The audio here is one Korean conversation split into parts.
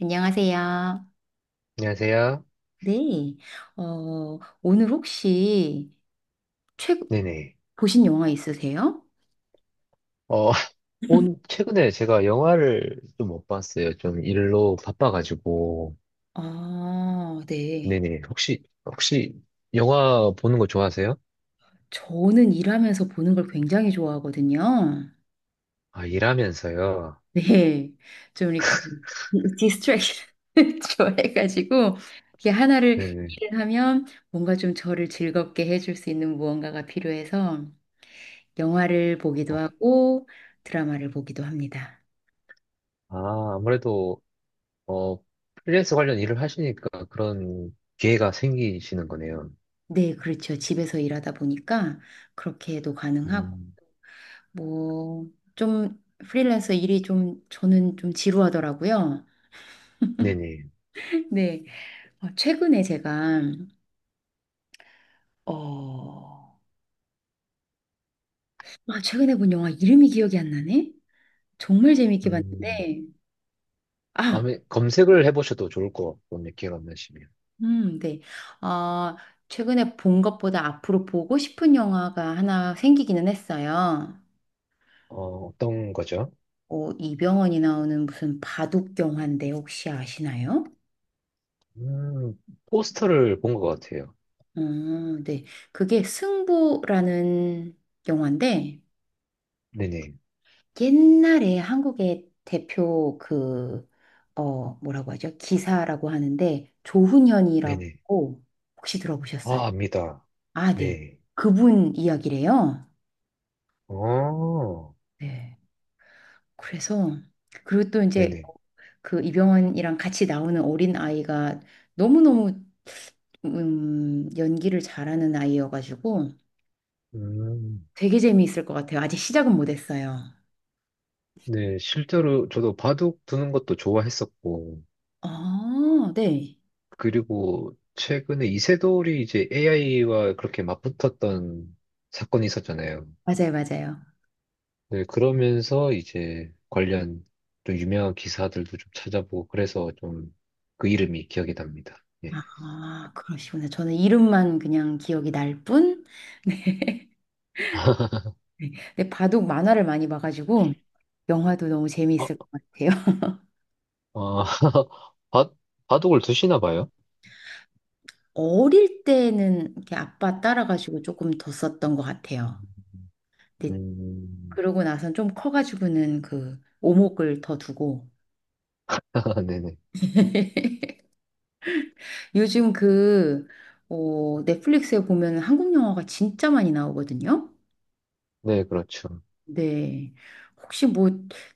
안녕하세요. 안녕하세요. 네. 오늘 혹시 최 네네. 보신 영화 있으세요? 어, 최근에 제가 영화를 좀 못 봤어요. 좀 일로 바빠가지고. 아, 네. 네네. 혹시 영화 보는 거 좋아하세요? 저는 일하면서 보는 걸 굉장히 좋아하거든요. 아, 일하면서요. 네. 좀 이렇게 디스트랙션을 좋아해가지고 이게 하나를 네네. 일을 하면 뭔가 좀 저를 즐겁게 해줄 수 있는 무언가가 필요해서 영화를 보기도 어, 하고 드라마를 보기도 합니다. 아, 아무래도, 어, 프리랜서 관련 일을 하시니까 그런 기회가 생기시는 거네요. 네, 그렇죠. 집에서 일하다 보니까 그렇게도 가능하고, 음, 뭐, 좀 프리랜서 일이 좀 저는 좀 지루하더라고요. 네네. 네. 어, 최근에 제가, 어, 아, 최근에 본 영화 이름이 기억이 안 나네? 정말 재밌게 음, 봤는데, 아, 아마 검색을 해보셔도 좋을 것 같고, 근데 기회가 안 나시면. 네. 어, 최근에 본 것보다 앞으로 보고 싶은 영화가 하나 생기기는 했어요. 어떤 거죠? 이병헌이 나오는 무슨 바둑 영화인데 혹시 아시나요? 음, 포스터를 본 것 같아요. 어, 네. 그게 승부라는 영화인데 네네. 옛날에 한국의 대표 그, 뭐라고 하죠? 기사라고 하는데 네네. 조훈현이라고 혹시 들어보셨어요? 아, 압니다. 아, 네. 네. 그분 이야기래요. 어, 네. 그래서 그리고 또 이제 네네. 그 이병헌이랑 같이 나오는 어린 아이가 너무너무 연기를 잘하는 아이여가지고 음, 되게 재미있을 것 같아요. 아직 시작은 못했어요. 네. 실제로 저도 바둑 두는 것도 좋아했었고, 아, 네. 그리고 최근에 이세돌이 이제 AI와 그렇게 맞붙었던 사건이 있었잖아요. 맞아요, 맞아요. 네, 그러면서 이제 관련 좀 유명한 기사들도 좀 찾아보고, 그래서 좀 그 이름이 기억이 납니다. 예. 아, 그러시구나. 저는 이름만 그냥 기억이 날 뿐. 네. 네, 근데 바둑 만화를 많이 봐가지고 영화도 너무 어, 재미있을 것 같아요. 어, 바, 바둑을 두시나 봐요? 어릴 때는 이렇게 아빠 따라가지고 조금 더 썼던 것 음, 같아요. 근데 음. 그러고 나선 좀 커가지고는 그 오목을 더 두고 네네. 요즘 그 넷플릭스에 보면 한국 영화가 진짜 많이 나오거든요. 네, 그렇죠. 네. 혹시 뭐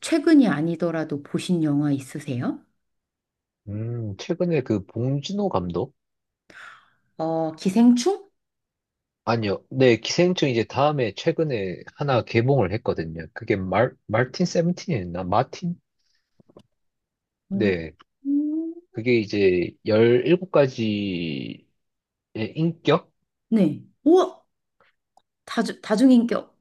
최근이 아니더라도 보신 영화 있으세요? 최근에 그 봉준호 감독? 어, 기생충? 아니요. 네, 기생충 이제 다음에 최근에 하나 개봉을 했거든요. 그게 말틴 세븐틴이었나? 마틴? 음. 네. 그게 이제 17가지의 인격? 네. 우와! 다중, 다중인격.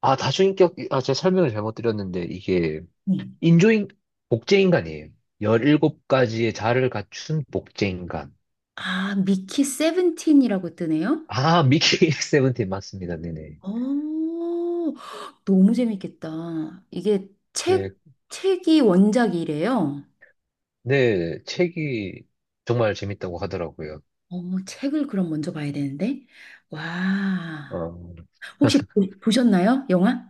아, 다수인격, 아, 제가 설명을 잘못 드렸는데, 이게 네. 인조인, 복제인간이에요. 17가지의 자아를 갖춘 복제인간. 아, 미키 세븐틴이라고 뜨네요? 아, 미키 세븐틴 맞습니다. 네네. 어, 너무 재밌겠다. 이게 책, 네, 책이 원작이래요. 네, 책이 정말 재밌다고 하더라고요. 어, 책을 그럼 먼저 봐야 되는데. 와. 어, 혹시 보셨나요? 영화?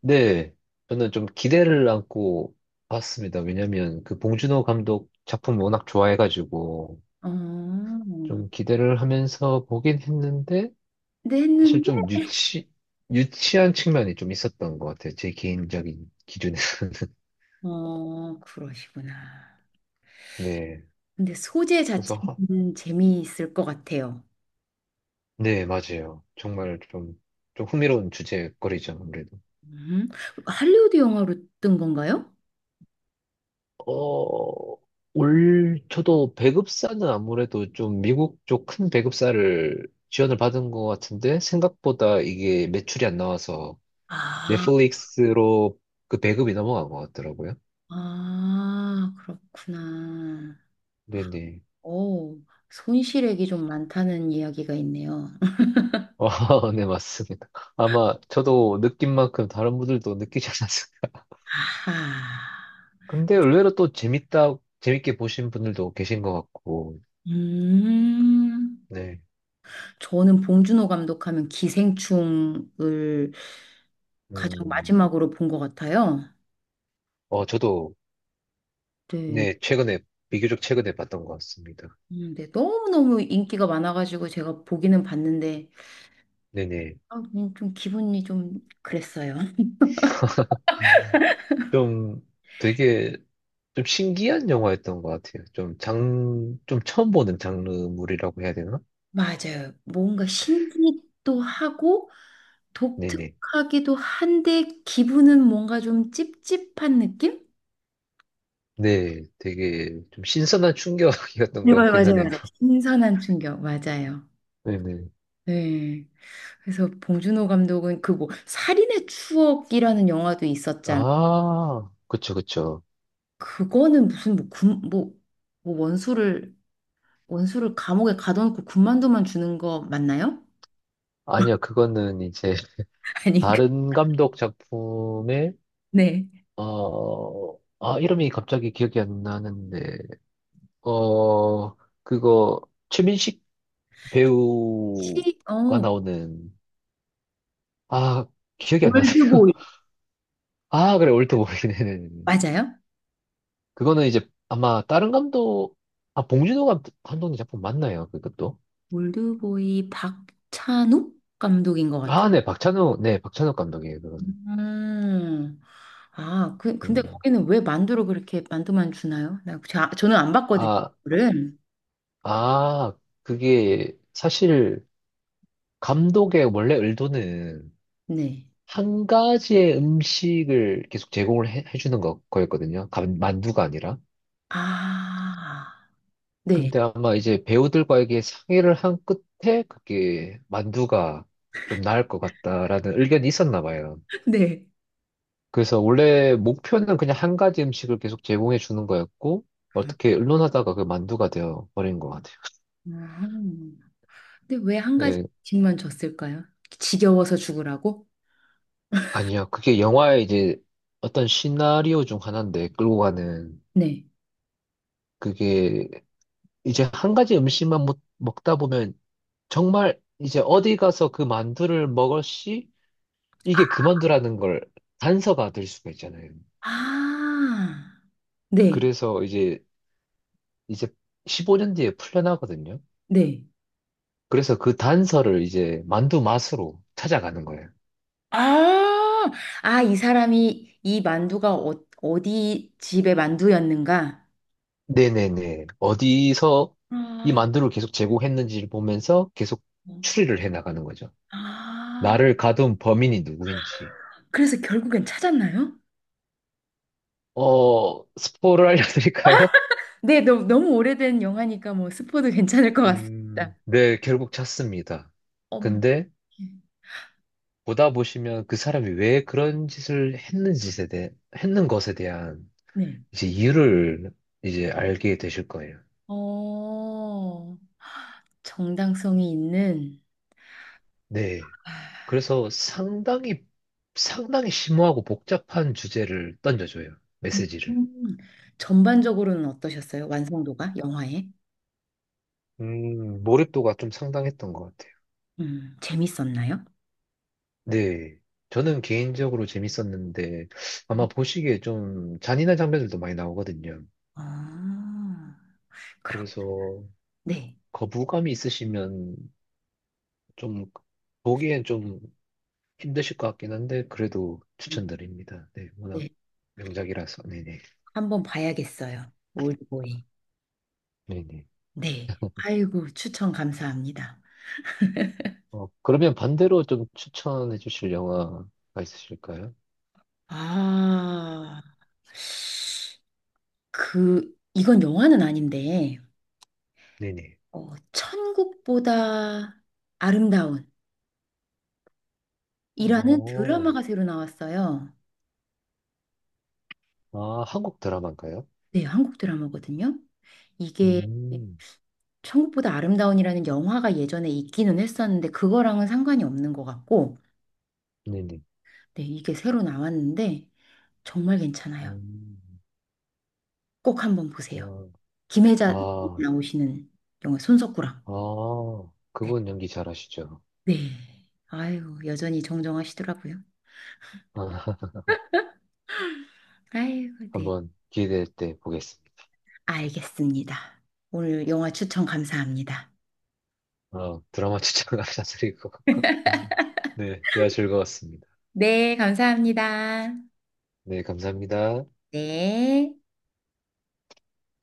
네, 저는 좀 기대를 안고 봤습니다. 왜냐면 그 봉준호 감독 작품 워낙 좋아해가지고 어, 좀 기대를 하면서 보긴 했는데 근데 사실 했는데. 좀 유치한 측면이 좀 있었던 것 같아요. 제 개인적인 기준에서는. 어, 그러시구나. 네, 근데 소재 그래서, 자체는 재미있을 것 같아요. 네, 맞아요. 정말 좀 흥미로운 주제거리죠, 아무래도. 음, 할리우드 영화로 뜬 건가요? 어, 저도 배급사는 아무래도 좀 미국 쪽 큰 배급사를 지원을 받은 것 같은데, 생각보다 이게 매출이 안 나와서 아, 넷플릭스로 그 배급이 넘어간 것 같더라고요. 아, 그렇구나. 네네. 오, 손실액이 좀 많다는 이야기가 있네요. 아, 네, 맞습니다. 아마 저도 느낀 만큼 다른 분들도 느끼지 않았을까. 아하. 근데 의외로 또 재밌게 보신 분들도 계신 것 같고, 음, 네. 저는 봉준호 감독하면 기생충을 가장 음, 마지막으로 본 것 같아요. 저도, 네. 네, 비교적 최근에 봤던 것 같습니다. 네, 너무너무 인기가 많아가지고 제가 보기는 봤는데 네네. 아, 그냥 좀 기분이 좀 그랬어요. 좀 되게 좀 신기한 영화였던 것 같아요. 좀 좀 처음 보는 장르물이라고 해야 되나? 맞아요. 뭔가 신기도 하고 네네. 독특하기도 한데 기분은 뭔가 좀 찝찝한 느낌? 네, 되게 좀 신선한 충격이었던 네, 것 맞아요, 같긴 맞아요, 하네요. 맞아요. 신선한 충격, 맞아요. 네네. 네. 그래서 봉준호 감독은 그뭐 살인의 추억이라는 영화도 있었잖아. 아, 그쵸, 그쵸. 그거는 무슨 뭐 원수를 원수를 감옥에 가둬놓고 군만두만 주는 거 맞나요? 아니요, 그거는 이제 아닌가? 다른 감독 작품의, 네. 아, 이름이 갑자기 기억이 안 나는데, 어, 그거, 최민식 시, 배우가 어, 나오는, 아, 기억이 안 나네요. 올드보이. 아, 그래, 올드 보이는. 맞아요? 그거는 이제 아마 다른 감독, 아, 봉준호 감독님 작품 맞나요? 그것도? 올드보이 박찬욱 감독인 것 같아요. 아, 네, 박찬욱, 네, 박찬욱 감독이에요, 그거는. 음. 근데 음. 거기는 왜 만두로 그렇게 만두만 주나요? 저는 안 봤거든요, 아, 그거를. 아, 그게 사실 감독의 원래 의도는 네. 한 가지의 음식을 계속 제공을 해주는 거였거든요. 만두가 아니라. 아, 네. 근데 아마 이제 배우들과에게 상의를 한 끝에 그게 만두가 좀 나을 것 같다라는 의견이 있었나 봐요. 네. 그래서 원래 목표는 그냥 한 가지 음식을 계속 제공해 주는 거였고, 어떻게 의논하다가 그 만두가 되어 버린 것 같아요. 음. 근데 왜 한 가지 네, 씩만 줬을까요? 지겨워서 죽으라고? 아니야. 그게 영화의 이제 어떤 시나리오 중 하나인데, 끌고 가는. 네. 그게 이제 한 가지 음식만 먹다 보면 정말 이제 어디 가서 그 만두를 먹을 시 이게 그 만두라는 걸 단서가 될 수가 있잖아요. 아, 네. 그래서 이제 15년 뒤에 풀려나거든요. 네. 그래서 그 단서를 이제 만두 맛으로 찾아가는 거예요. 아, 이 사람이 이 만두가 어디 집의 만두였는가? 네네네. 어디서 이 아, 만두를 계속 제공했는지를 보면서 계속 추리를 해 나가는 거죠. 아, 나를 가둔 범인이 누구인지. 그래서 결국엔 찾았나요? 스포를 알려드릴까요? 네, 너무 오래된 영화니까 뭐 스포도 괜찮을 것 같습니다. 네, 결국 찾습니다. 엄, 근데 보다 보시면 그 사람이 왜 그런 짓을 했는지에 대해, 했는 것에 대한 네. 이제 이유를 이제 알게 되실 거예요. 어, 정당성이 있는, 네. 아, 그래서 상당히 심오하고 복잡한 주제를 던져줘요. 음, 메시지를. 음. 전반적으로는 어떠셨어요? 완성도가 영화에? 몰입도가 좀 상당했던 것 같아요. 재밌었나요? 네. 저는 개인적으로 재밌었는데, 아마 음. 보시기에 좀 잔인한 장면들도 많이 나오거든요. 아, 그렇 그래서 네. 거부감이 있으시면 좀, 보기엔 좀 힘드실 것 같긴 한데, 그래도 음, 추천드립니다. 네, 워낙 네. 명작이라서. 네네. 한번 봐야겠어요. 올드보이. 네네. 네. 아이고, 추천 감사합니다. 그러면 반대로 좀 추천해 주실 영화가 있으실까요? 아, 이건 영화는 아닌데, 네네. 천국보다 아름다운 이라는 오, 드라마가 새로 나왔어요. 아, 한국 드라마인가요? 네, 한국 드라마거든요. 이게 음, 천국보다 아름다운이라는 영화가 예전에 있기는 했었는데, 그거랑은 상관이 없는 것 같고, 네네. 네, 이게 새로 나왔는데, 정말 괜찮아요. 음. 꼭 한번 보세요. 음, 김혜자 아, 나오시는 영화 손석구랑. 아, 네. 그분 연기 잘하시죠. 네. 아이고, 여전히 정정하시더라고요. 아, 아이고, 네. 한번 기회될 때 보겠습니다. 알겠습니다. 오늘 영화 추천 감사합니다. 아, 드라마 추천 감사드리고. 네, 대화 즐거웠습니다. 네, 감사합니다. 네, 감사합니다. 네.